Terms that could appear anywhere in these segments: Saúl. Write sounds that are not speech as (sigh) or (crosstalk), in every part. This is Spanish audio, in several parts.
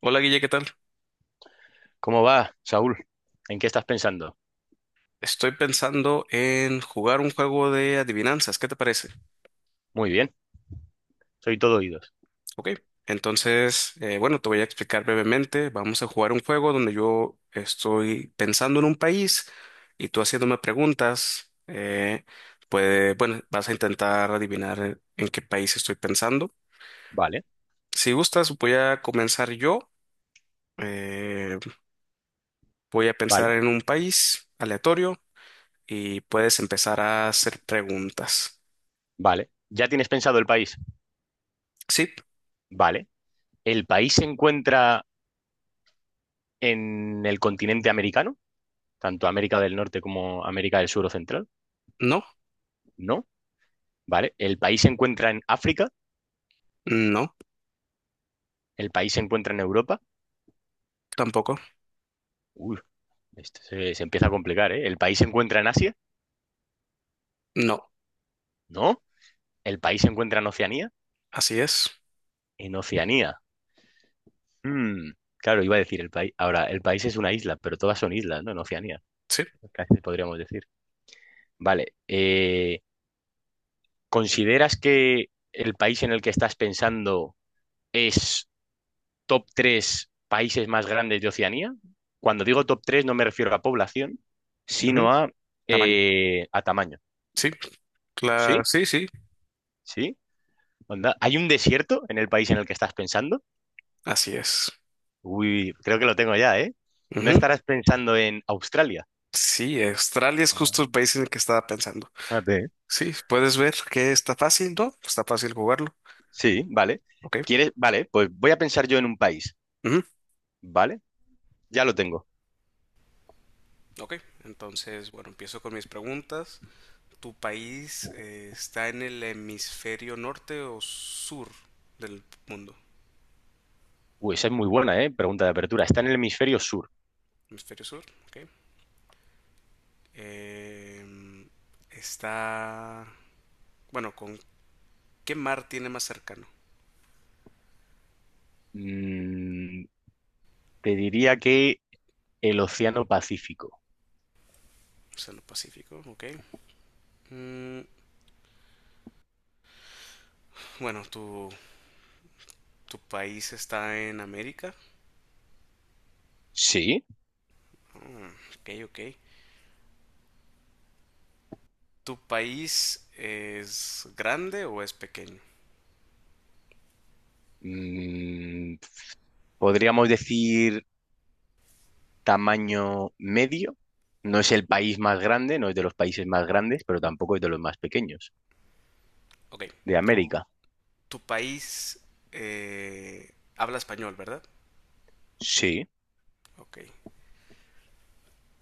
Hola Guille, ¿qué tal? ¿Cómo va, Saúl? ¿En qué estás pensando? Estoy pensando en jugar un juego de adivinanzas, ¿qué te parece? Muy bien, soy todo oídos. Ok, entonces, bueno, te voy a explicar brevemente. Vamos a jugar un juego donde yo estoy pensando en un país y tú haciéndome preguntas. Puede, bueno, vas a intentar adivinar en qué país estoy pensando. Vale, Si gustas, voy a comenzar yo. Eh, Voy a pensar vale, en un país aleatorio y puedes empezar a hacer preguntas. vale. ¿Ya tienes pensado el país? ¿Sí? Vale. ¿El país se encuentra en el continente americano? Tanto América del Norte como América del Sur o Central. ¿No? No, vale. ¿El país se encuentra en África? No. ¿El país se encuentra en Europa? Tampoco. Uy, esto se empieza a complicar, ¿eh? ¿El país se encuentra en Asia? No. No. ¿El país se encuentra en Oceanía? Así es. En Oceanía. Mm, Claro, iba a decir el país. Ahora, el país es una isla, pero todas son islas, ¿no? En Oceanía Sí. casi podríamos decir. Vale, ¿consideras que el país en el que estás pensando es top 3 países más grandes de Oceanía? Cuando digo top tres no me refiero a población, Ujú. sino a, Tamaño. eh, a tamaño. Sí. ¿Sí? Sí, sí. ¿Sí? Onda, ¿hay un desierto en el país en el que estás pensando? Así es. Uy, creo que lo tengo ya, ¿eh? ¿No Ujú. estarás pensando en Australia? Sí, Australia es justo el Ah, país en el que estaba pensando. fíjate. Sí, puedes ver que está fácil, ¿no? Está fácil jugarlo. Sí, vale. Ok. ¿Quieres? Vale, pues voy a pensar yo en un país. Ujú. ¿Vale? Ya lo tengo. Ok, entonces, bueno, empiezo con mis preguntas. ¿Tu país está en el hemisferio norte o sur del mundo? Uy, esa es muy buena, ¿eh? Pregunta de apertura. Está en el hemisferio sur. Hemisferio sur, ok. Em, Está, bueno, ¿con qué mar tiene más cercano? Mm, te diría que el Océano Pacífico. Océano Pacífico, ok. Mm, bueno, tu país está en América. Sí. Ah, ok, ok. ¿Tu país es grande o es pequeño? Mm, podríamos decir tamaño medio. No es el país más grande, no es de los países más grandes, pero tampoco es de los más pequeños. Ok. De Tu, América. Tu país habla español, ¿verdad? Sí. Ok.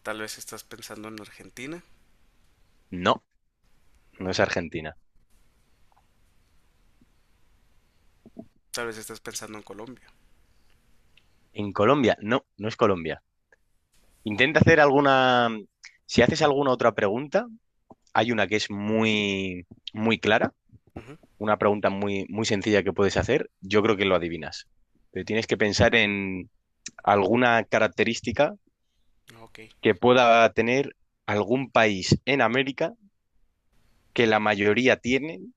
Tal vez estás pensando en Argentina. No, no es Mm, Argentina. tal vez estás pensando en Colombia. En Colombia, no, no es Colombia. Intenta hacer alguna. Si haces alguna otra pregunta, hay una que es muy, muy clara, Ujú, una pregunta muy, muy sencilla que puedes hacer. Yo creo que lo adivinas. Pero tienes que pensar en alguna característica ok. que pueda tener algún país en América que la mayoría tienen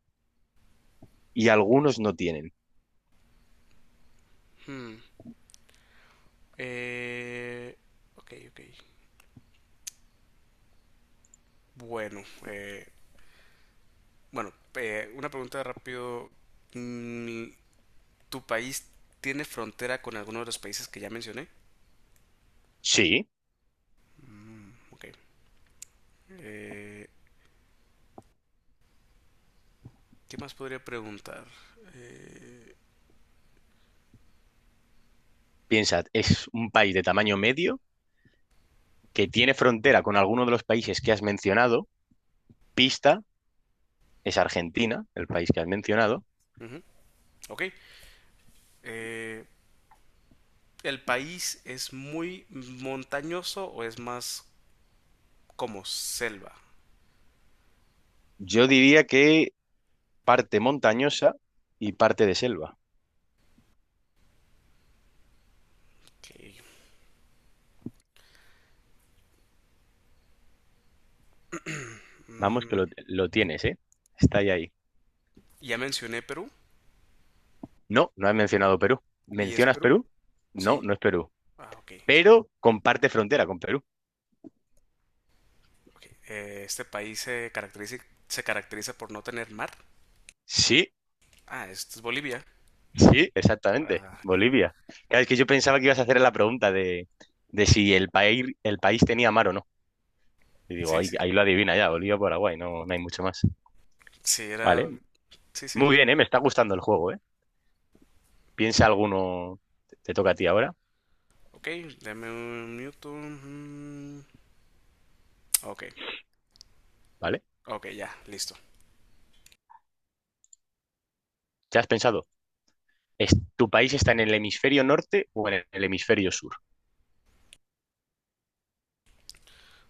y algunos no tienen. Hmm, eh, ok, ok. Bueno, bueno, una pregunta rápido. Mm, ¿tu país tiene frontera con alguno de los países que ya mencioné? Sí, Mm, ok. Eh, ¿Qué más podría preguntar? Eh, piensa, es un país de tamaño medio que tiene frontera con alguno de los países que has mencionado. Pista, es Argentina, el país que has mencionado. Ujú, ok. Eh, ¿El país es muy montañoso o es más como selva? Yo diría que parte montañosa y parte de selva. Ok. (clears throat) Vamos, que Mm, lo tienes, ¿eh? Está ahí, ahí. ya mencioné Perú. No, no has mencionado Perú. ¿Y es ¿Mencionas Perú? Perú? No, Sí. no es Perú. Ah, ok. Pero comparte frontera con Perú. Ok. Este país se caracteriza por no tener mar. Sí, Ah, esto es Bolivia. sí, exactamente. Ah, ya. Bolivia. Claro, es que yo pensaba que ibas a hacer la pregunta de si el país, el país tenía mar o no. Y digo, Sí, ahí, sí. ahí lo adivina ya, Bolivia, Paraguay, no, no hay mucho más. Sí, Vale. era... Sí, sí. Muy bien, ¿eh? Me está gustando el juego, ¿eh? Piensa alguno. Te toca a ti ahora, Ok, dame un minuto. Mm, ok, ¿vale? ok, ya, listo. ¿Ya has pensado? ¿Tu país está en el hemisferio norte o en el hemisferio sur?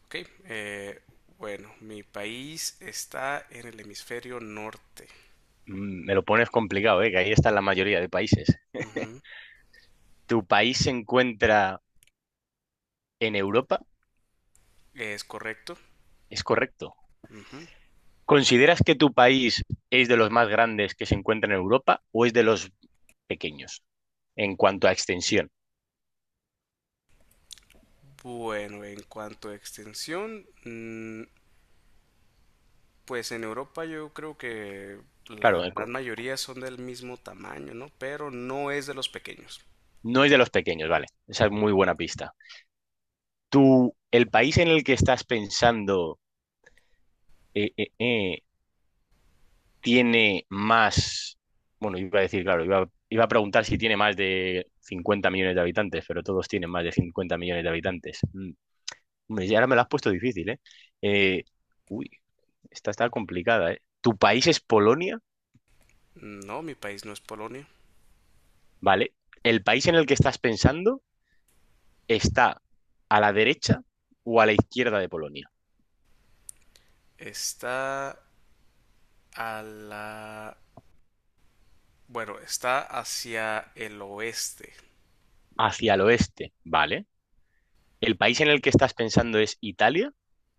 Ok, eh, bueno, mi país está en el hemisferio norte. Me lo pones complicado, ¿eh? Que ahí está la mayoría de países. Ujú, ¿Tu país se encuentra en Europa? es correcto. Es correcto. Ujú. ¿Consideras que tu país es de los más grandes que se encuentran en Europa o es de los pequeños en cuanto a extensión? Bueno, en cuanto a extensión, mm, pues en Europa yo creo que la Claro, gran mayoría son del mismo tamaño, ¿no? Pero no es de los pequeños. no es de los pequeños, vale. Esa es muy buena pista. ¿Tú, el país en el que estás pensando eh, eh, eh, tiene más? Bueno, iba a decir, claro, iba a preguntar si tiene más de 50 millones de habitantes, pero todos tienen más de 50 millones de habitantes. Mm. Hombre, ya ahora me lo has puesto difícil, ¿eh? Eh, uy, esta está complicada, ¿eh? Tu país es Polonia, No, mi país no es Polonia. ¿vale? El país en el que estás pensando está a la derecha o a la izquierda de Polonia, Está a la Bueno, está hacia el oeste. hacia el oeste, ¿vale? El país en el que estás pensando es Italia.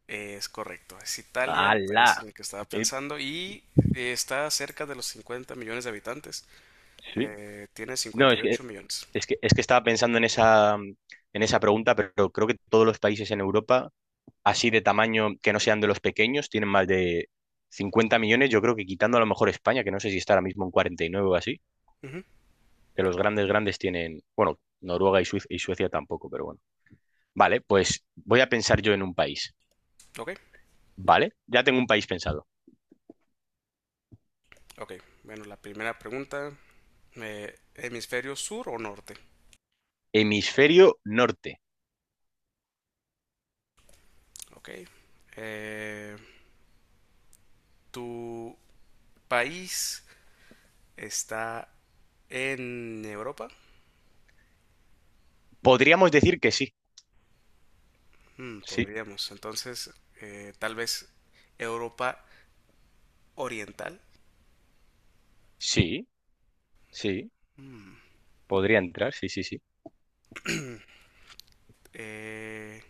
Es correcto. Es Italia, el país ¡Hala! en el que estaba Eh, pensando, y está cerca de los 50 millones de habitantes. sí. Tiene No, es que, 58 millones. es que, es que estaba pensando en esa, pregunta, pero creo que todos los países en Europa así de tamaño que no sean de los pequeños tienen más de 50 millones, yo creo, que quitando a lo mejor España, que no sé si está ahora mismo en 49 o así, Ujú, que los grandes grandes tienen, bueno, Noruega y Suecia tampoco, pero bueno. Vale, pues voy a pensar yo en un país, ok, ¿vale? Ya tengo un país pensado. ok. Bueno, la primera pregunta. ¿Hemisferio sur o norte? Hemisferio norte. Ok. Eh, ¿Tu país está en Europa? Podríamos decir que sí, Mm, sí, podríamos. Entonces, tal vez Europa Oriental. sí, sí, Mm, podría entrar, sí, sí, sí. Eh,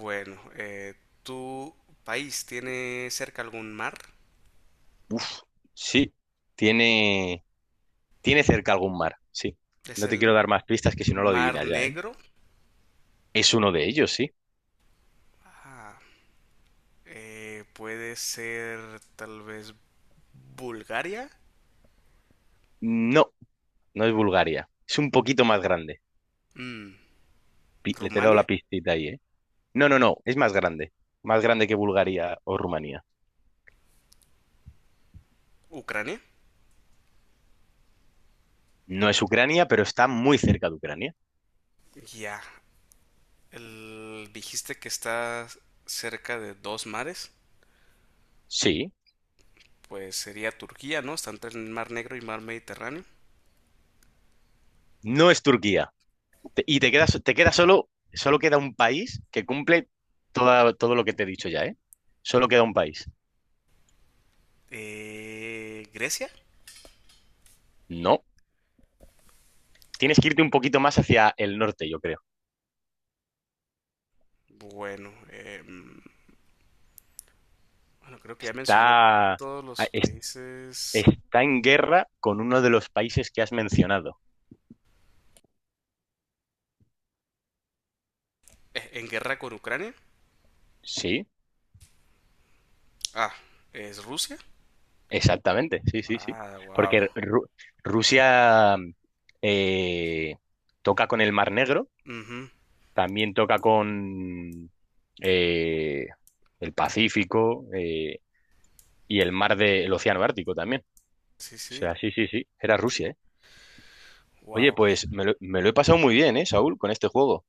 bueno, ¿tu país tiene cerca algún mar? Sí, tiene, tiene cerca algún mar, sí. No ¿Es te quiero el dar más pistas que si no lo Mar adivinas ya, ¿eh? Negro? Es uno de ellos, sí. Ah, puede ser tal vez Bulgaria, No, no es Bulgaria. Es un poquito más grande. mm, Le te he dado la Rumania, pistita ahí, ¿eh? No, no, no. Es más grande. Más grande que Bulgaria o Rumanía. Ucrania. No es Ucrania, pero está muy cerca de Ucrania. Ya, dijiste que está cerca de dos mares. Sí. Pues sería Turquía, ¿no? Está entre el Mar Negro y Mar Mediterráneo. No es Turquía. Y te quedas, te queda solo, solo queda un país que cumple todo lo que te he dicho ya, ¿eh? Solo queda un país. ¿Grecia? No. Tienes que irte un poquito más hacia el norte, yo creo. Bueno, bueno, creo que ya mencioné Está, a- todos los es- países está en guerra con uno de los países que has mencionado. En guerra con Ucrania. Sí. Ah, es Rusia. Exactamente, sí, sí, sí. Ah, wow. Porque Rusia eh, toca con el Mar Negro, Ujú, también toca con eh, el Pacífico y el mar del Océano Ártico también. sí, O sí. sea, sí, sí, sí, era Rusia, ¿eh? Oye, Wow. pues me lo he pasado muy bien, ¿eh, Saúl, con este juego?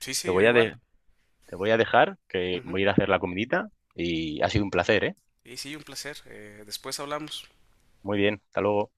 Sí, Te sí, yo voy a igual. de- te voy a dejar, que Ujú. voy a ir a hacer la comidita, y ha sido un placer, ¿eh? Y sí, un placer. Después hablamos. Muy bien, hasta luego.